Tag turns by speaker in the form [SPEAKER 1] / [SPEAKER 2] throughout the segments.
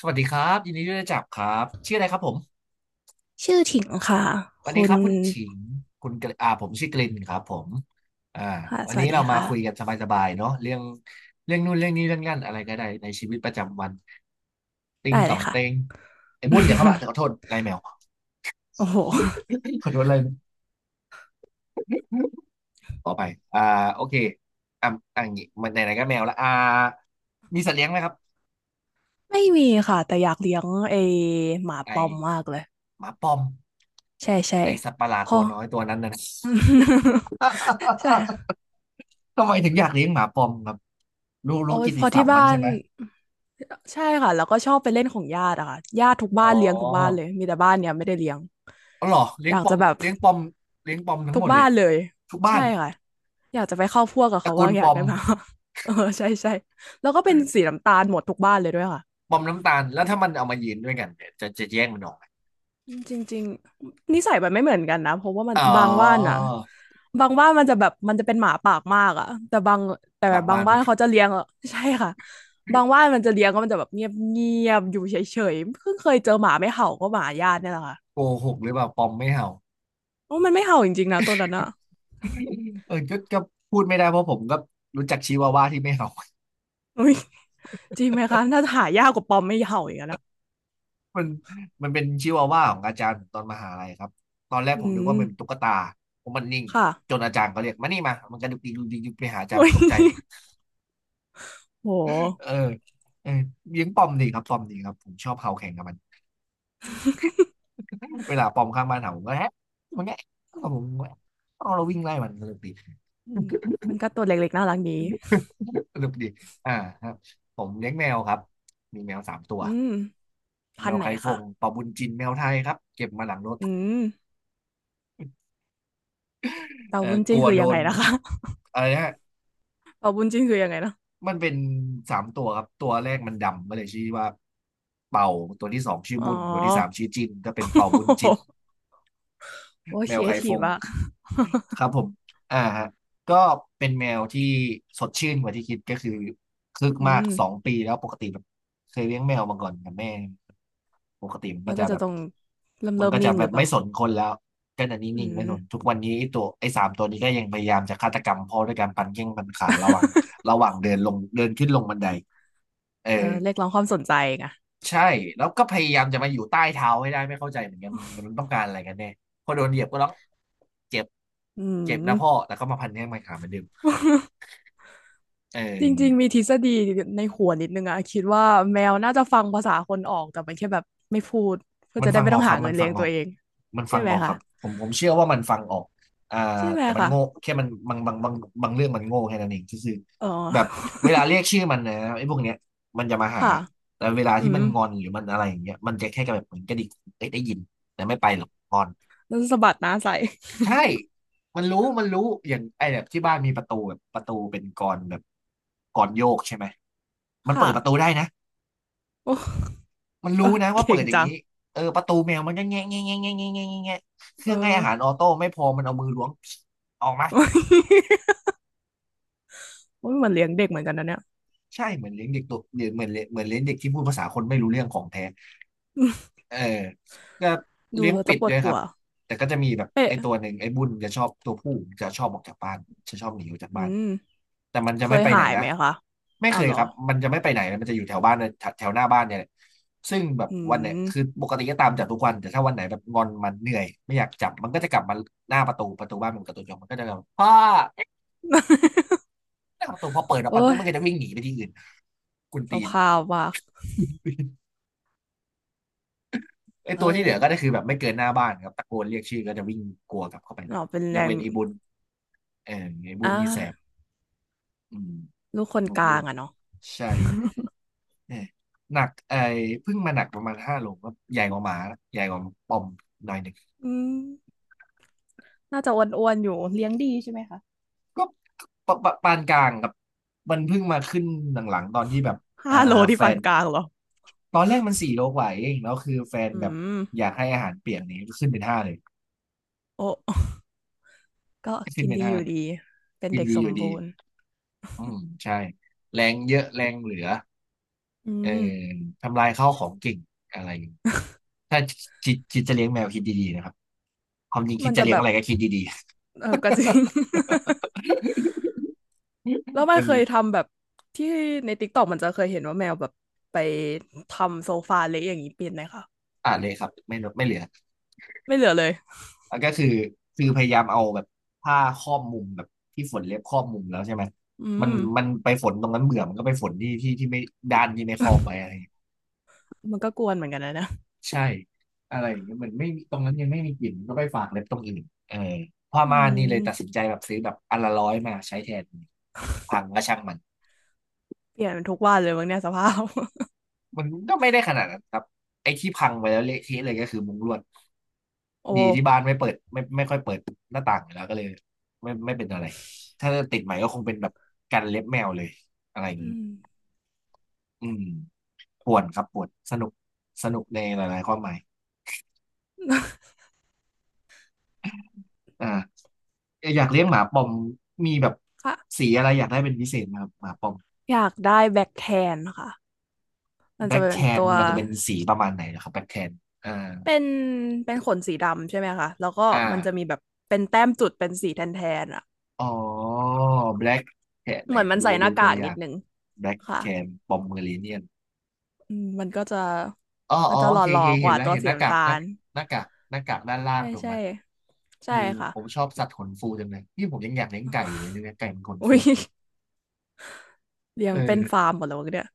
[SPEAKER 1] สวัสดีครับยินดีที่ได้จับครับชื่ออะไรครับผม
[SPEAKER 2] ชื่อถิ่งค่ะ
[SPEAKER 1] วันนี้
[SPEAKER 2] คุ
[SPEAKER 1] ค
[SPEAKER 2] ณ
[SPEAKER 1] รับคุณฉิงคุณกระอ่าผมชื่อกลินครับผมอ่า
[SPEAKER 2] ค่ะ
[SPEAKER 1] วั
[SPEAKER 2] ส
[SPEAKER 1] น
[SPEAKER 2] วั
[SPEAKER 1] นี้
[SPEAKER 2] สดี
[SPEAKER 1] เรามาคุยกั
[SPEAKER 2] ค่ะ
[SPEAKER 1] นสบายๆเนาะเรื่องนู่นเรื่องนี้เรื่องนั่นอะไรก็ได้ในชีวิตประจำวันติง
[SPEAKER 2] ได้เล
[SPEAKER 1] ต่อ
[SPEAKER 2] ย
[SPEAKER 1] ง
[SPEAKER 2] ค่ะ
[SPEAKER 1] เต็งไอ้บุญเดี๋ยวเข้ามาแต่ขอโทษ ไล่แมว
[SPEAKER 2] โอ้โห
[SPEAKER 1] ขอโทษไล่แมวขอไปอ่าโอเคอ่ะอ่ะอย่างงี้มันไหนๆก็แมวละมีสัตว์เลี้ยงไหมครับ
[SPEAKER 2] ไม่มีค่ะแต่อยากเลี้ยงไอหมาปอม
[SPEAKER 1] ไอ
[SPEAKER 2] มากเลย
[SPEAKER 1] หมาปอม
[SPEAKER 2] ใช่ใช่
[SPEAKER 1] ไอสัตว์ประหลาด
[SPEAKER 2] พ
[SPEAKER 1] ตั
[SPEAKER 2] อ
[SPEAKER 1] วน้อยตัวนั้นน่ะ น
[SPEAKER 2] ใช่
[SPEAKER 1] ะ ทำไมถึงอยากเลี้ยงหมาปอมครับรู้
[SPEAKER 2] โอ้
[SPEAKER 1] รู้
[SPEAKER 2] ย
[SPEAKER 1] กิต
[SPEAKER 2] พ
[SPEAKER 1] ติ
[SPEAKER 2] อ
[SPEAKER 1] ศั
[SPEAKER 2] ที่
[SPEAKER 1] พท์มั
[SPEAKER 2] บ้า
[SPEAKER 1] นใช่
[SPEAKER 2] น
[SPEAKER 1] ไหม
[SPEAKER 2] ใช่ค่ะแล้วก็ชอบไปเล่นของญาติอะค่ะญาติทุก
[SPEAKER 1] อ๋
[SPEAKER 2] บ้านเลี้ยงทุกบ้านเล
[SPEAKER 1] อ
[SPEAKER 2] ยมีแต่บ้านเนี้ยไม่ได้เลี้ยง
[SPEAKER 1] อ๋อเหรอเลี้ย
[SPEAKER 2] อ
[SPEAKER 1] ง
[SPEAKER 2] ยา
[SPEAKER 1] ป
[SPEAKER 2] ก
[SPEAKER 1] อ
[SPEAKER 2] จะ
[SPEAKER 1] ม
[SPEAKER 2] แบบ
[SPEAKER 1] เลี้ยงปอมเลี้ยงปอมทั้ง
[SPEAKER 2] ทุ
[SPEAKER 1] หม
[SPEAKER 2] ก
[SPEAKER 1] ดเล
[SPEAKER 2] บ้า
[SPEAKER 1] ย
[SPEAKER 2] นเลย
[SPEAKER 1] ทุกบ้า
[SPEAKER 2] ใช่
[SPEAKER 1] น
[SPEAKER 2] ค่ะอยากจะไปเข้าพวกกับ
[SPEAKER 1] ตระ
[SPEAKER 2] เขา
[SPEAKER 1] กู
[SPEAKER 2] ว่า
[SPEAKER 1] ล
[SPEAKER 2] งอ
[SPEAKER 1] ป
[SPEAKER 2] ยาก
[SPEAKER 1] อม
[SPEAKER 2] ได้บ้าง เออใช่ใช่แล้วก็เป็นสีน้ำตาลหมดทุกบ้านเลยด้วยค่ะ
[SPEAKER 1] ปอมน้ำตาลแล้วถ้ามันเอามายืนด้วยกันเนี่ยจะแย่งมันออกไหม
[SPEAKER 2] จริงๆนิสัยมันไม่เหมือนกันนะเพราะว่ามัน
[SPEAKER 1] อ๋อ
[SPEAKER 2] บางบ้านนะบางบ้านมันจะแบบมันจะเป็นหมาปากมากอะแต่บางแต่
[SPEAKER 1] บาง
[SPEAKER 2] บา
[SPEAKER 1] บ้า
[SPEAKER 2] ง
[SPEAKER 1] น
[SPEAKER 2] บ้า
[SPEAKER 1] มั
[SPEAKER 2] น
[SPEAKER 1] น
[SPEAKER 2] เขาจะเลี้ยงอะใช่ค่ะบาง บ้านมันจะเลี้ยงก็มันจะแบบเงียบเงียบอยู่เฉยๆเพิ่งเคยเจอหมาไม่เห่าก็หมาญาติเนี่ยแหละค่ะ
[SPEAKER 1] โกหกหรือเปล่าปอมไม่เห่า
[SPEAKER 2] โอ้มันไม่เห่าจริงๆนะตัวนั้นอะ
[SPEAKER 1] เออก็พูดไม่ได้เพราะผมก็รู้จักชิวาว่าที่ไม่เห่า
[SPEAKER 2] อุ้ยจริงไหมคะถ่าหายากกว่าปอมไม่เห่าอีกแล้วนะ
[SPEAKER 1] มันมันเป็นชิวาว่าของอาจารย์ผมตอนมหาลัยครับตอนแรก
[SPEAKER 2] อื
[SPEAKER 1] ผมนึก
[SPEAKER 2] ม
[SPEAKER 1] ว่ามันเป็นตุ๊กตาผมมันนิ่ง
[SPEAKER 2] ค่ะ
[SPEAKER 1] จนอาจารย์เขาเรียกมานี่มามันกระดุกดิกดุกดิกดุกไปหาอาจารย์
[SPEAKER 2] อุ้ย
[SPEAKER 1] ตกใจ
[SPEAKER 2] โห
[SPEAKER 1] เออเออเลี้ยงปอมดีครับปอมดีครับผมชอบเห่าแข่งกับมันเวลาปอมข้างบ้านเห่าผมก็แฮะมันแงะก็ผมกแงะเอาเราวิ่งไล่มันสนุกดี
[SPEAKER 2] อืมมันก็ตัวเล็กๆน่ารักดี
[SPEAKER 1] สนุกดีอ่าครับผมเลี้ยงแมวครับมีแมวสามตัว
[SPEAKER 2] อืม
[SPEAKER 1] แม
[SPEAKER 2] พัน
[SPEAKER 1] ว
[SPEAKER 2] ธุ์ไหน
[SPEAKER 1] ไข่ฟ
[SPEAKER 2] คะ
[SPEAKER 1] งปอบุญจินแมวไทยครับเก็บมาหลังรถ
[SPEAKER 2] อืม เต่า
[SPEAKER 1] เออ
[SPEAKER 2] บุญ
[SPEAKER 1] ก
[SPEAKER 2] จิ้น
[SPEAKER 1] ลัว
[SPEAKER 2] คือ
[SPEAKER 1] โด
[SPEAKER 2] ยังไง
[SPEAKER 1] น
[SPEAKER 2] นะคะ
[SPEAKER 1] อะไรนะ
[SPEAKER 2] เต่าบุญจิ้นคือยังไงนะ
[SPEAKER 1] มันเป็น3 ตัวครับตัวแรกมันดำมาเลยชื่อว่าเป่าตัวที่สองชื่อ
[SPEAKER 2] อ๋
[SPEAKER 1] บุญตัวที่สาม
[SPEAKER 2] อ
[SPEAKER 1] ชื่อจินก็เป็นเป่าบุญจิน
[SPEAKER 2] โอ้
[SPEAKER 1] แม
[SPEAKER 2] ค
[SPEAKER 1] ว
[SPEAKER 2] รีเอ
[SPEAKER 1] ไข่ฟ
[SPEAKER 2] ทีฟ
[SPEAKER 1] ง
[SPEAKER 2] มะ
[SPEAKER 1] ครับผมอ่าฮะก็เป็นแมวที่สดชื่นกว่าที่คิดก็คือคึก
[SPEAKER 2] อื
[SPEAKER 1] มากสอง
[SPEAKER 2] ม
[SPEAKER 1] ปีแล้วปกติแบบเคยเลี้ยงแมวมาก่อนกับแม่ปกติมันก็
[SPEAKER 2] มัน
[SPEAKER 1] จะ
[SPEAKER 2] ก็
[SPEAKER 1] แบ
[SPEAKER 2] จะ
[SPEAKER 1] บ
[SPEAKER 2] ต้องเริ่มเริ่มนิ่งหรือเป
[SPEAKER 1] ไม่
[SPEAKER 2] ล่า
[SPEAKER 1] สนคนแล้วก็จะ
[SPEAKER 2] อื
[SPEAKER 1] นิ่งๆไม่
[SPEAKER 2] ม
[SPEAKER 1] สนทุกวันนี้ไอ้สามตัวนี้ก็ยังพยายามจะฆาตกรรมพ่อด้วยการปั่นแข้งปั่นขาระหว่างเดินลงเดินขึ้นลงบันไดเออ
[SPEAKER 2] เออเรียกร้องความสนใจไง
[SPEAKER 1] ใช่แล้วก็พยายามจะมาอยู่ใต้เท้าให้ได้ไม่เข้าใจเหมือนกันมันต้องการอะไรกันแน่พอโดนเหยียบก็ร้องเจ็บ
[SPEAKER 2] อื
[SPEAKER 1] เจ็บนะ
[SPEAKER 2] ม
[SPEAKER 1] พ่อแต่ก็มาพันแข้งพันขาเหมือนเดิมเอ
[SPEAKER 2] จริงๆ
[SPEAKER 1] อ
[SPEAKER 2] มีทฤษฎีในหัวนิดนึงอะคิดว่าแมวน่าจะฟังภาษาคนออกแต่มันแค่แบบไม่พูดเพื่อ
[SPEAKER 1] มัน
[SPEAKER 2] จะได้
[SPEAKER 1] ฟัง
[SPEAKER 2] ไม่
[SPEAKER 1] ออ
[SPEAKER 2] ต้อ
[SPEAKER 1] ก
[SPEAKER 2] ง
[SPEAKER 1] ค
[SPEAKER 2] หา
[SPEAKER 1] รับมั
[SPEAKER 2] เงิ
[SPEAKER 1] น
[SPEAKER 2] น
[SPEAKER 1] ฟั
[SPEAKER 2] เลี้ย
[SPEAKER 1] ง
[SPEAKER 2] ง
[SPEAKER 1] อ
[SPEAKER 2] ตั
[SPEAKER 1] อ
[SPEAKER 2] ว
[SPEAKER 1] ก
[SPEAKER 2] เอง
[SPEAKER 1] มัน
[SPEAKER 2] ใช่
[SPEAKER 1] ฟัง
[SPEAKER 2] ไหม
[SPEAKER 1] ออกค
[SPEAKER 2] คะ
[SPEAKER 1] รับผมเชื่อว่ามันฟังออกอ่า
[SPEAKER 2] ใช่ไหม
[SPEAKER 1] แต่มัน
[SPEAKER 2] คะ
[SPEAKER 1] โง่แค่มันบางเรื่องมันโง่แค่นั้นเองก็คือ
[SPEAKER 2] เอ
[SPEAKER 1] แบบ
[SPEAKER 2] อ
[SPEAKER 1] เวลาเรียกชื่อมันนะไอ้พวกเนี้ยมันจะมา หา
[SPEAKER 2] ค่ะ
[SPEAKER 1] แต่เวลา
[SPEAKER 2] อื
[SPEAKER 1] ที่มั
[SPEAKER 2] ม
[SPEAKER 1] นงอนหรือมันอะไรอย่างเงี้ยมันจะแค่แบบเหมือนกระดิกเอ้ยได้ยินแต่ไม่ไปหรอกงอน
[SPEAKER 2] แล้วสะบัดหน้าใส่
[SPEAKER 1] ใช่ มันรู้ มันรู้ อย่างไอ้แบบที่บ้านมีประตูแบบประตูเป็นกลอนแบบกลอนโยกใช่ไหม มันเปิ
[SPEAKER 2] ค่ะ
[SPEAKER 1] ดประตูได้นะ
[SPEAKER 2] โอ้
[SPEAKER 1] มัน
[SPEAKER 2] เอ
[SPEAKER 1] รู้
[SPEAKER 2] อ
[SPEAKER 1] นะว่าเปิ
[SPEAKER 2] เก่ง
[SPEAKER 1] ดอย่าง
[SPEAKER 2] จัง
[SPEAKER 1] นี้เออประตูแมวมันก็แงะแงะแงะแงะแงะแงะแงะเค
[SPEAKER 2] เอ
[SPEAKER 1] รื่องให้อา
[SPEAKER 2] อ
[SPEAKER 1] หารออโต้ไม่พอมันเอามือล้วงออกมา
[SPEAKER 2] โอ้ยเหมือนเลี้ยงเด็กเหมือนกันนะเนี่ย
[SPEAKER 1] ใช่เหมือนเลี้ยงเด็กตัวเหมือนเลี้ยงเหมือนเลี้ยงเด็กที่พูดภาษาคนไม่รู้เรื่องของแท้เออก็
[SPEAKER 2] ดู
[SPEAKER 1] เลี้ยง
[SPEAKER 2] แล้ว
[SPEAKER 1] เป็
[SPEAKER 2] จะ
[SPEAKER 1] ด
[SPEAKER 2] ปว
[SPEAKER 1] ด้
[SPEAKER 2] ด
[SPEAKER 1] วยค
[SPEAKER 2] หั
[SPEAKER 1] รับ
[SPEAKER 2] ว
[SPEAKER 1] แต่ก็จะมีแบบ
[SPEAKER 2] เอ๊
[SPEAKER 1] ไอ้ตั
[SPEAKER 2] ะ
[SPEAKER 1] วหนึ่งไอ้บุญจะชอบตัวผู้จะชอบออกจากบ้านจะชอบหนีออกจาก
[SPEAKER 2] อื
[SPEAKER 1] บ้าน
[SPEAKER 2] ม
[SPEAKER 1] แต่มันจะ
[SPEAKER 2] เค
[SPEAKER 1] ไม่
[SPEAKER 2] ย
[SPEAKER 1] ไปไห
[SPEAKER 2] หา
[SPEAKER 1] น
[SPEAKER 2] ย
[SPEAKER 1] นะ
[SPEAKER 2] ไหมคะ
[SPEAKER 1] ไม่เค
[SPEAKER 2] อ้าว
[SPEAKER 1] ย
[SPEAKER 2] เหรอ
[SPEAKER 1] ครับมันจะไม่ไปไหนเลยมันจะอยู่แถวบ้านเนี่ยแถวแถวหน้าบ้านเนี่ยแหละซึ่งแบบ
[SPEAKER 2] อื
[SPEAKER 1] วันเนี่ย
[SPEAKER 2] ม
[SPEAKER 1] คือปกติก็ตามจับทุกวันแต่ถ้าวันไหนแบบงอนมันเหนื่อยไม่อยากจับมันก็จะกลับมาหน้าประตูบ้านมันกับตัวจองมันก็จะแบบพ่อเอ๊ะ หน้าประตูพอเปิดออก
[SPEAKER 2] โอ้
[SPEAKER 1] ไปปุ๊บ
[SPEAKER 2] ย
[SPEAKER 1] มันก็จะวิ่งหนีไปที่อื่นกุน
[SPEAKER 2] ส
[SPEAKER 1] ตีน
[SPEAKER 2] ภาพว่ะ
[SPEAKER 1] ไอ้
[SPEAKER 2] เอ
[SPEAKER 1] ตัวที่เหลือ
[SPEAKER 2] อ
[SPEAKER 1] ก็ได้คือแบบไม่เกินหน้าบ้านครับตะโกนเรียกชื่อก็จะวิ่งกลัวกลับเข้าไป
[SPEAKER 2] เราเป็น
[SPEAKER 1] ย
[SPEAKER 2] แร
[SPEAKER 1] ก
[SPEAKER 2] ง
[SPEAKER 1] เว้นไอ้บุญเออไอ้บุ
[SPEAKER 2] อ่า
[SPEAKER 1] ญนี่แสบอืม
[SPEAKER 2] ลูกคน
[SPEAKER 1] ลู
[SPEAKER 2] ก
[SPEAKER 1] ก
[SPEAKER 2] ลา
[SPEAKER 1] ลู
[SPEAKER 2] ง
[SPEAKER 1] ก
[SPEAKER 2] อะเนาะ
[SPEAKER 1] ใช่เนี่ยหนักไอ้เพิ่งมาหนักประมาณ5 โลก็ใหญ่กว่าหมานะใหญ่กว่าปอมหน่อยหนึ่ง
[SPEAKER 2] อืมน่าจะอ้วนๆอยู่ เลี้ยงดีใช่ไหมคะ
[SPEAKER 1] ก็ปานกลางครับมันเพิ่งมาขึ้นหลังๆตอนที่แบบ
[SPEAKER 2] ห้า
[SPEAKER 1] อ่า
[SPEAKER 2] โลที่
[SPEAKER 1] แฟ
[SPEAKER 2] ปาน
[SPEAKER 1] น
[SPEAKER 2] กลางเหรอ
[SPEAKER 1] ตอนแรกมัน4 โลกว่าเองแล้วคือแฟน
[SPEAKER 2] อื
[SPEAKER 1] แบบ
[SPEAKER 2] ม
[SPEAKER 1] อยากให้อาหารเปียกนี้ก็ขึ้นเป็นห้าเลย
[SPEAKER 2] โอ้ ก็
[SPEAKER 1] ขึ้น
[SPEAKER 2] กิน
[SPEAKER 1] เป็น
[SPEAKER 2] ดี
[SPEAKER 1] ห้า
[SPEAKER 2] อยู่ดี เป็น
[SPEAKER 1] กิน
[SPEAKER 2] เด็ก
[SPEAKER 1] ดี
[SPEAKER 2] ส
[SPEAKER 1] อ
[SPEAKER 2] ม
[SPEAKER 1] ยู่ดี
[SPEAKER 2] บูรณ์
[SPEAKER 1] อืมใช่แรงเยอะแรงเหลือ
[SPEAKER 2] อื
[SPEAKER 1] เอ่อ
[SPEAKER 2] ม
[SPEAKER 1] ทำลายข้าวของเก่งอะไรถ้าคิดจะเลี้ยงแมวคิดดีๆนะครับความจริงคิ
[SPEAKER 2] มั
[SPEAKER 1] ด
[SPEAKER 2] น
[SPEAKER 1] จะ
[SPEAKER 2] จะ
[SPEAKER 1] เลี้ย
[SPEAKER 2] แบ
[SPEAKER 1] งอะ
[SPEAKER 2] บ
[SPEAKER 1] ไรก็คิดดี
[SPEAKER 2] เออก็จริง
[SPEAKER 1] ๆ
[SPEAKER 2] แล้ว มัน
[SPEAKER 1] มัน
[SPEAKER 2] เคยทำแบบที่ในติกต็กมันจะเคยเห็นว่าแมวแบบไปทำโซฟาเละอย่างนี้เป็นไหมคะ
[SPEAKER 1] อ่านเลยครับไม่ลดไม่เหลือ
[SPEAKER 2] ไม่เหลือเลย
[SPEAKER 1] แล้วก็คือพยายามเอาแบบผ้าครอบมุมแบบที่ฝนเล็บครอบมุมแล้วใช่ไหม
[SPEAKER 2] อื
[SPEAKER 1] มัน
[SPEAKER 2] ม
[SPEAKER 1] มันไปฝนตรงนั้นเบื่อมันก็ไปฝนที่ที่ไม่ด้านที่ไม่ครอบไว้อะไรอย่างเงี้ย
[SPEAKER 2] มันก็กวนเหมือนกันนะเนี่ย
[SPEAKER 1] ใช่อะไรอย่างเงี้ยเหมือนไม่มีตรงนั้นยังไม่มีกลิ่นก็ไปฝากเล็บตรงอื่นเออผ้า
[SPEAKER 2] อื
[SPEAKER 1] ม่านนี่เลยตัดสิน
[SPEAKER 2] ม
[SPEAKER 1] ใจแบบซื้อแบบอันละร้อยมาใช้แทนพังก็ช่างมัน
[SPEAKER 2] เปลี่ยนทุกวันเลยมั้งเนี่ยสภาพ
[SPEAKER 1] มันก็ไม่ได้ขนาดนั้นครับไอ้ที่พังไปแล้วเละเทะเลยก็คือมุ้งลวด
[SPEAKER 2] โอ้
[SPEAKER 1] ดีที่บ้านไม่เปิดไม่ค่อยเปิดหน้าต่างอยู่แล้วก็เลยไม่เป็นอะไรถ้าติดใหม่ก็คงเป็นแบบกันเล็บแมวเลยอะไรอย่าง
[SPEAKER 2] อื
[SPEAKER 1] นี้
[SPEAKER 2] ม
[SPEAKER 1] อืมป่วนครับป่วนสนุกสนุกในหลายๆความหมาย อ่าอยากเลี้ยงหมาปอมมีแบบ
[SPEAKER 2] ค่ะ
[SPEAKER 1] สีอะไรอยากได้เป็นพิเศษไหมครับหมาปอม
[SPEAKER 2] อยากได้แบ็คแทนค่ะมัน
[SPEAKER 1] แบล็
[SPEAKER 2] จะ
[SPEAKER 1] กแค
[SPEAKER 2] เป็น
[SPEAKER 1] น
[SPEAKER 2] ตัว
[SPEAKER 1] มันจะเป็นสีประมาณไหนนะครับแบล็กแคนอ่า
[SPEAKER 2] เป็นเป็นขนสีดำใช่ไหมคะแล้วก็
[SPEAKER 1] อ่า
[SPEAKER 2] มันจะมีแบบเป็นแต้มจุดเป็นสีแทนแทนอะ
[SPEAKER 1] อ๋อ Black Cat ไหน
[SPEAKER 2] เหมือนมัน
[SPEAKER 1] ดู
[SPEAKER 2] ใส่ห
[SPEAKER 1] ดู
[SPEAKER 2] น้า
[SPEAKER 1] ตั
[SPEAKER 2] กา
[SPEAKER 1] ว
[SPEAKER 2] ก
[SPEAKER 1] อ
[SPEAKER 2] นิ
[SPEAKER 1] ย่า
[SPEAKER 2] ด
[SPEAKER 1] ง
[SPEAKER 2] นึง
[SPEAKER 1] Black
[SPEAKER 2] ค่ะ
[SPEAKER 1] Cat Pomeranian
[SPEAKER 2] อืมมันก็จะ
[SPEAKER 1] อ๋อ
[SPEAKER 2] มั
[SPEAKER 1] อ๋
[SPEAKER 2] น
[SPEAKER 1] อ
[SPEAKER 2] จะ
[SPEAKER 1] โอ
[SPEAKER 2] หล
[SPEAKER 1] เคโอ
[SPEAKER 2] ่อ
[SPEAKER 1] เค
[SPEAKER 2] ๆก
[SPEAKER 1] เห็น
[SPEAKER 2] ว่า
[SPEAKER 1] แล้ว
[SPEAKER 2] ตัว
[SPEAKER 1] เห็น
[SPEAKER 2] สี
[SPEAKER 1] หน้ากา
[SPEAKER 2] น้ำ
[SPEAKER 1] ก
[SPEAKER 2] ตา
[SPEAKER 1] หน้า
[SPEAKER 2] ล
[SPEAKER 1] หน้ากากหน้ากากด้านล่าง
[SPEAKER 2] ใช่
[SPEAKER 1] ถูกไห
[SPEAKER 2] ใช่
[SPEAKER 1] มเอ
[SPEAKER 2] ใช่
[SPEAKER 1] อ
[SPEAKER 2] ค่ะ
[SPEAKER 1] ผมชอบสัตว์ขนฟูจังเลยนี่ผมยังอยากเลี้ยงไก่อยู่เลยเนี่ยไก่มันขน
[SPEAKER 2] อุ้
[SPEAKER 1] ฟู
[SPEAKER 2] ย เลี้ย
[SPEAKER 1] เอ
[SPEAKER 2] งเป็น
[SPEAKER 1] อ
[SPEAKER 2] ฟาร์มหมดแล้วเนี่ย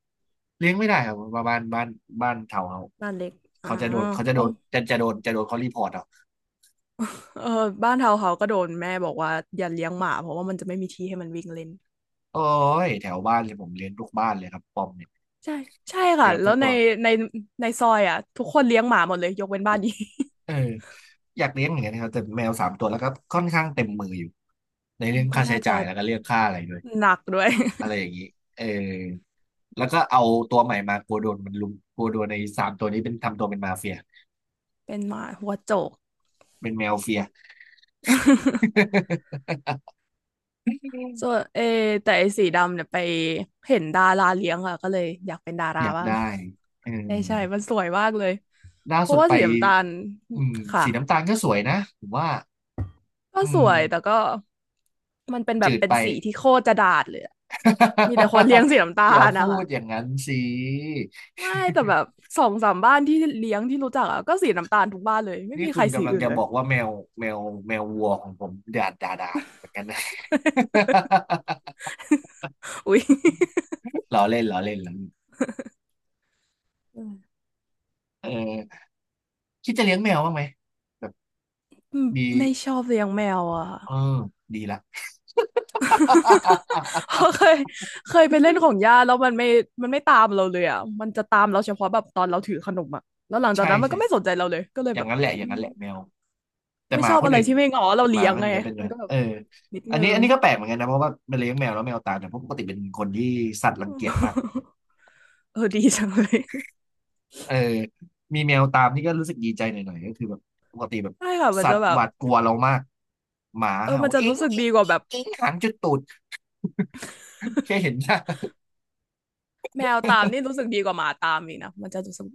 [SPEAKER 1] เลี้ยงไม่ได้ครับบ้านบ้านแถวเขา
[SPEAKER 2] บ้านเล็กอ๋อ
[SPEAKER 1] เขาจะโดนเขาจะโด
[SPEAKER 2] อ๋อ
[SPEAKER 1] นจะจะโดนจะโดนเขารีพอร์ตเอา
[SPEAKER 2] เออบ้านเทาวน์เฮาส์ก็โดนแม่บอกว่าอย่าเลี้ยงหมาเพราะว่ามันจะไม่มีที่ให้มันวิ่งเล่น
[SPEAKER 1] โอ้ยแถวบ้านเลยผมเลี้ยงทุกบ้านเลยครับปอมเนี่ย
[SPEAKER 2] ใช่ใช่ค่ะ
[SPEAKER 1] เกือบ
[SPEAKER 2] แล้
[SPEAKER 1] ทุ
[SPEAKER 2] ว
[SPEAKER 1] ก
[SPEAKER 2] ใน
[SPEAKER 1] ตัว
[SPEAKER 2] ในในซอยอ่ะทุกคนเลี้ยงหมาหมดเลยยกเว้นบ้านนี้
[SPEAKER 1] เอออยากเลี้ยงเหมือนกันนะครับแต่แมวสามตัวแล้วก็ค่อนข้างเต็มมืออยู่ใน
[SPEAKER 2] อื
[SPEAKER 1] เรื่
[SPEAKER 2] ม
[SPEAKER 1] อง
[SPEAKER 2] ก็
[SPEAKER 1] ค่าใช้
[SPEAKER 2] น่าจะ
[SPEAKER 1] จ่ายแล้วก็เรื่องค่าอะไรด้วย
[SPEAKER 2] หนักด้วย
[SPEAKER 1] อะไรอย่างนี้เออแล้วก็เอาตัวใหม่มากลัวโดนมันลุมกลัวโดนในสามตัวนี้เป็นทำตัวเป็นมาเฟีย
[SPEAKER 2] เป็นหมาหัวโจก
[SPEAKER 1] เป็นแมวเฟีย
[SPEAKER 2] ส่วนเอแต่ไอ้สีดำเนี่ยไปเห็นดาราเลี้ยงค่ะก็เลยอยากเป็นดารา
[SPEAKER 1] อยาก
[SPEAKER 2] บ้าง
[SPEAKER 1] ได้เออ
[SPEAKER 2] ใช่ใช่มันสวยมากเลย
[SPEAKER 1] ล่า
[SPEAKER 2] เพ
[SPEAKER 1] สุ
[SPEAKER 2] ราะ
[SPEAKER 1] ด
[SPEAKER 2] ว่า
[SPEAKER 1] ไป
[SPEAKER 2] สีน้ำตาล
[SPEAKER 1] อืม
[SPEAKER 2] ค่ะ
[SPEAKER 1] สีน้ำตาลก็สวยนะผมว่า
[SPEAKER 2] ก็
[SPEAKER 1] อื
[SPEAKER 2] ส
[SPEAKER 1] ม
[SPEAKER 2] วยแต่ก็มันเป็นแบ
[SPEAKER 1] จื
[SPEAKER 2] บ
[SPEAKER 1] ด
[SPEAKER 2] เป็น
[SPEAKER 1] ไป
[SPEAKER 2] สีที่โคตรจะด่าดเลยอะมีแต่คนเลี้ยงสี น้ำตา
[SPEAKER 1] อย่า
[SPEAKER 2] ล
[SPEAKER 1] พู
[SPEAKER 2] นะคะ
[SPEAKER 1] ดอย่างนั้นสิ
[SPEAKER 2] ไม่แต่แบบสองสามบ้านที่เลี้ยงที่รู้จักอะก็สีน้ำตาลทุกบ้านเลย ไม่
[SPEAKER 1] นี่
[SPEAKER 2] มี
[SPEAKER 1] คุ
[SPEAKER 2] ใคร
[SPEAKER 1] ณ
[SPEAKER 2] สี
[SPEAKER 1] กำลัง
[SPEAKER 2] อื่น
[SPEAKER 1] จะ
[SPEAKER 2] เล
[SPEAKER 1] บ
[SPEAKER 2] ย
[SPEAKER 1] อกว่าแมวแมววัวของผมดาดดาดาดเหมือนกันนะ
[SPEAKER 2] อุ๊ย
[SPEAKER 1] ล้อเล่นล้อเล่นเออคิดจะเลี้ยงแมวบ้างไหมแบบ
[SPEAKER 2] อืม
[SPEAKER 1] มี
[SPEAKER 2] ไม่ชอบเลี้ยงแมวอะค่ะ
[SPEAKER 1] เออดีละ
[SPEAKER 2] เพ ราะเคยไปเล่นของย่าแล้วมันไม่ตามเราเลยอ่ะมันจะตามเราเฉพาะแบบตอนเราถือขนมอ่ะแล้วหลังจาก
[SPEAKER 1] ใช่
[SPEAKER 2] นั้นมัน
[SPEAKER 1] ใช่
[SPEAKER 2] ก็ไม่สนใจเราเลยก็เลย
[SPEAKER 1] อย่า
[SPEAKER 2] แบ
[SPEAKER 1] ง
[SPEAKER 2] บ
[SPEAKER 1] นั้นแหละอ
[SPEAKER 2] อื
[SPEAKER 1] ย่างนั้
[SPEAKER 2] ม
[SPEAKER 1] นแหละแมวแต่
[SPEAKER 2] ไม่
[SPEAKER 1] หมา
[SPEAKER 2] ชอบ
[SPEAKER 1] คน
[SPEAKER 2] อะไร
[SPEAKER 1] อื่น
[SPEAKER 2] ที่ไม่งอเรา
[SPEAKER 1] ห
[SPEAKER 2] เลี้
[SPEAKER 1] มา
[SPEAKER 2] ยง
[SPEAKER 1] คน
[SPEAKER 2] ไง
[SPEAKER 1] อื่นก็เป็นเน
[SPEAKER 2] มัน
[SPEAKER 1] อะ
[SPEAKER 2] ก็แบบ
[SPEAKER 1] เออ
[SPEAKER 2] นิด
[SPEAKER 1] อัน
[SPEAKER 2] นึ
[SPEAKER 1] นี้
[SPEAKER 2] ง
[SPEAKER 1] อันนี้ก็แปลกเหมือนกันนะเพราะว่ามันเลี้ยงแมวแล้วแมวตายแต่เพราะปกติเป็นคนที่สัตว์รังเกียจมาก
[SPEAKER 2] เออดีจังเลย
[SPEAKER 1] เออมีแมวตามนี่ก็รู้สึกดีใจหน่อยๆก็คือแบบปกติแบบ
[SPEAKER 2] ใช่ค่ะมัน
[SPEAKER 1] สัต
[SPEAKER 2] จะ
[SPEAKER 1] ว์
[SPEAKER 2] แบ
[SPEAKER 1] ห
[SPEAKER 2] บ
[SPEAKER 1] วาดกลัวเรามากหมา
[SPEAKER 2] เออ
[SPEAKER 1] เห่า
[SPEAKER 2] มันจะ
[SPEAKER 1] เอ็ง
[SPEAKER 2] รู้สึก
[SPEAKER 1] เอ็ง
[SPEAKER 2] ดีกว่าแบบ
[SPEAKER 1] เอ็งเอ็งหนจุดตูดแค่เห็นหน้า
[SPEAKER 2] แมวตามนี่รู้สึกดีกว่าหมาตามอีกนะมันจะรู้สึก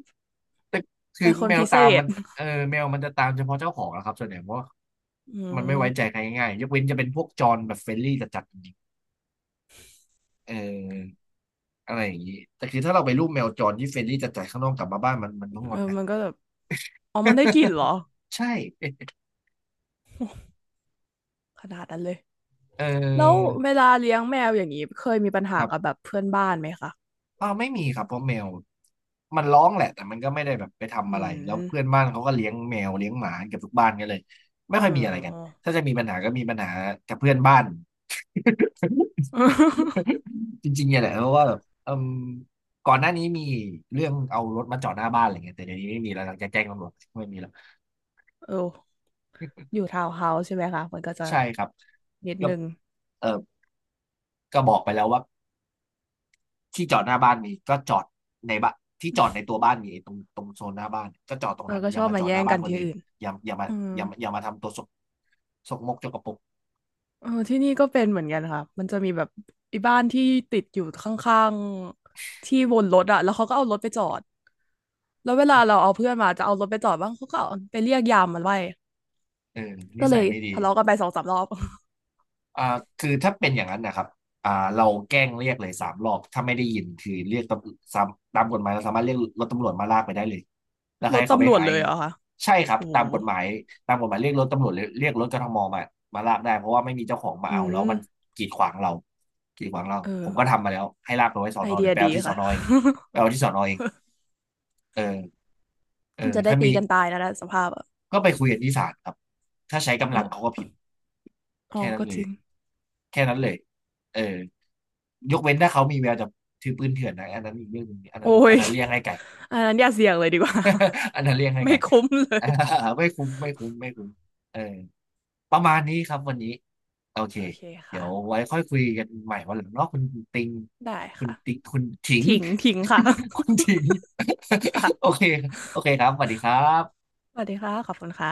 [SPEAKER 1] คือ
[SPEAKER 2] เป็นคน
[SPEAKER 1] แมว
[SPEAKER 2] พิเศ
[SPEAKER 1] ตามมั
[SPEAKER 2] ษ
[SPEAKER 1] นเออแมวมันจะตามเฉพาะเจ้าของนะครับส่วนใหญ่เพราะว่า
[SPEAKER 2] อื
[SPEAKER 1] มันไม่
[SPEAKER 2] ม
[SPEAKER 1] ไว้ใจใครง่ายๆยกเว้นจะเป็นพวกจรแบบเฟรนลี่จัดๆจริงๆเอออะไรอย่างนี้แต่คือถ้าเราไปรูปแมวจรที่เฟรนลี่จัดๆข้างนอกกลับมาบ้านมันต้องงอ
[SPEAKER 2] เอ
[SPEAKER 1] น
[SPEAKER 2] อ
[SPEAKER 1] นะ
[SPEAKER 2] มันก็แบบอ๋อมันได้กลิ่นเหรอ
[SPEAKER 1] ใช่
[SPEAKER 2] ขนาดนั้นเลย
[SPEAKER 1] เ
[SPEAKER 2] แล้ว
[SPEAKER 1] ออ
[SPEAKER 2] เวลาเลี้ยงแมวอย่างนี้เคยมีปัญ
[SPEAKER 1] ค
[SPEAKER 2] หา
[SPEAKER 1] รับ
[SPEAKER 2] กับแบบเพื่อนบ้านไหมคะ
[SPEAKER 1] เอ้าไม่มีครับเพราะแมวมันร้องแหละแต่มันก็ไม่ได้แบบไป
[SPEAKER 2] อื
[SPEAKER 1] ทำอะไรแล้วเพื่อน
[SPEAKER 2] ม
[SPEAKER 1] บ้านเขาก็เลี้ยงแมวเลี้ยงหมาเกือบทุกบ้านกันเลยไม่ค่
[SPEAKER 2] เอ
[SPEAKER 1] อย
[SPEAKER 2] อ
[SPEAKER 1] มีอะไรกัน
[SPEAKER 2] เออ
[SPEAKER 1] ถ้าจะมีปัญหาก็มีปัญหากับเพื่อนบ้านจริงๆเนี่ยแหละเพราะว่าแบบเอิมก่อนหน้านี้มีเรื่องเอารถมาจอดหน้าบ้านอะไรเงี้ยแต่เดี๋ยวนี้ไม่มีแล้วหลังจากแจ้งตำรวจไม่มีแล้ว
[SPEAKER 2] เอออยู่ทาวน์เฮาส์ใช่ไหมคะมันก็จะ
[SPEAKER 1] ใช่ครับ
[SPEAKER 2] นิด
[SPEAKER 1] ก็
[SPEAKER 2] นึง
[SPEAKER 1] เออก็บอกไปแล้วว่า ที่จอดหน้าบ้านมีก็จอดในบ้านที่จอดในตัวบ้านมี้ตรงโซนหน้าบ้านก็จอดตร
[SPEAKER 2] เอ
[SPEAKER 1] ง
[SPEAKER 2] อ
[SPEAKER 1] นั้น
[SPEAKER 2] ก็
[SPEAKER 1] อ
[SPEAKER 2] ช
[SPEAKER 1] ย่า
[SPEAKER 2] อบ
[SPEAKER 1] มา
[SPEAKER 2] มา
[SPEAKER 1] จอด
[SPEAKER 2] แย่
[SPEAKER 1] หน้า
[SPEAKER 2] ง
[SPEAKER 1] บ้า
[SPEAKER 2] กั
[SPEAKER 1] น
[SPEAKER 2] น
[SPEAKER 1] คน
[SPEAKER 2] ที่
[SPEAKER 1] อื่น
[SPEAKER 2] อื่น
[SPEAKER 1] อย่าอย่ามา
[SPEAKER 2] อืม
[SPEAKER 1] อย่ามาอย่ามาทำตัวสกมกจกกระปุก
[SPEAKER 2] เออที่นี่ก็เป็นเหมือนกันค่ะ มันจะมีแบบไอ้บ้านที่ติดอยู่ข้างๆที่วนรถอะแล้วเขาก็เอารถไปจอด แล้วเวลาเราเอาเพื่อนมาจะเอารถไปจอดบ้างเขาก็เอาไปเรียกยามมันไว้
[SPEAKER 1] เออนิ
[SPEAKER 2] ก็เล
[SPEAKER 1] สัย
[SPEAKER 2] ย
[SPEAKER 1] ไม่ดี
[SPEAKER 2] ทะเลาะกันไปสองสามรอบ
[SPEAKER 1] อ่าคือถ้าเป็นอย่างนั้นนะครับอ่าเราแกล้งเรียกเลยสามรอบถ้าไม่ได้ยินคือเรียกตามตามกฎหมายเราสามารถเรียกรถตำรวจมาลากไปได้เลยแล้ว
[SPEAKER 2] ร
[SPEAKER 1] ให้
[SPEAKER 2] ถ
[SPEAKER 1] เขาไป
[SPEAKER 2] ตำรวจ
[SPEAKER 1] หา
[SPEAKER 2] เล
[SPEAKER 1] เอ
[SPEAKER 2] ย
[SPEAKER 1] ง
[SPEAKER 2] เหรอคะ
[SPEAKER 1] ใช่ครั
[SPEAKER 2] โห
[SPEAKER 1] บตามกฎหมายตามกฎหมายเรียกรถตำรวจหรือเรียกรถกทมมามาลากได้เพราะว่าไม่มีเจ้าของมา
[SPEAKER 2] อื
[SPEAKER 1] เอาแล้วมัน
[SPEAKER 2] ม
[SPEAKER 1] กีดขวางเรากีดขวางเรา
[SPEAKER 2] เอ
[SPEAKER 1] ผม
[SPEAKER 2] อ
[SPEAKER 1] ก็ทำมาแล้วให้ลากไปไว้สอ
[SPEAKER 2] ไอ
[SPEAKER 1] นอ
[SPEAKER 2] เดี
[SPEAKER 1] เดี๋
[SPEAKER 2] ย
[SPEAKER 1] ยวไปเอา
[SPEAKER 2] ดี
[SPEAKER 1] ที่สอ
[SPEAKER 2] ค่ะ
[SPEAKER 1] นอเองไปเอาที่สอนอเองเออเอ อ
[SPEAKER 2] มันจะได้
[SPEAKER 1] ถ้า
[SPEAKER 2] ตี
[SPEAKER 1] มี
[SPEAKER 2] กันตายนะนะสภาพอะ
[SPEAKER 1] ก็ไปคุยกันที่ศาลครับถ้าใช้
[SPEAKER 2] โอ
[SPEAKER 1] กำลังเขาก็
[SPEAKER 2] ้
[SPEAKER 1] ผิด
[SPEAKER 2] อ๋อ
[SPEAKER 1] แค่นั้น
[SPEAKER 2] ก็
[SPEAKER 1] เล
[SPEAKER 2] จ
[SPEAKER 1] ย
[SPEAKER 2] ริง
[SPEAKER 1] แค่นั้นเลยเออยกเว้นถ้าเขามีแววจะถือปืนเถื่อนนะอันนั้นอีกเรื่องหนึงอัน
[SPEAKER 2] โอ้
[SPEAKER 1] นั้นอัน
[SPEAKER 2] ย
[SPEAKER 1] นั้นเลี่ยงให้ไก่
[SPEAKER 2] อันนั้นอย่าเสี่ยงเลยดีกว่า
[SPEAKER 1] อันนั้นเลี่ยงให้
[SPEAKER 2] ไม่
[SPEAKER 1] ไก่
[SPEAKER 2] คุ้มเล
[SPEAKER 1] อ่า
[SPEAKER 2] ย
[SPEAKER 1] ไม่คุ้มไม่คุ้มเออประมาณนี้ครับวันนี้โอเค
[SPEAKER 2] โอเค
[SPEAKER 1] เดี๋ย
[SPEAKER 2] ค่ะ
[SPEAKER 1] วไว้ค่อยคุยกันใหม่วันหลังเนาะคุณติง
[SPEAKER 2] ได้ค่ะ
[SPEAKER 1] คุณถิง
[SPEAKER 2] ทิ้งทิ้งค่ะ
[SPEAKER 1] คุณถิง โอ
[SPEAKER 2] ค่ะ
[SPEAKER 1] เคโอเคครับสวัสดีครับ
[SPEAKER 2] สวัสดีค่ะขอบคุณค่ะ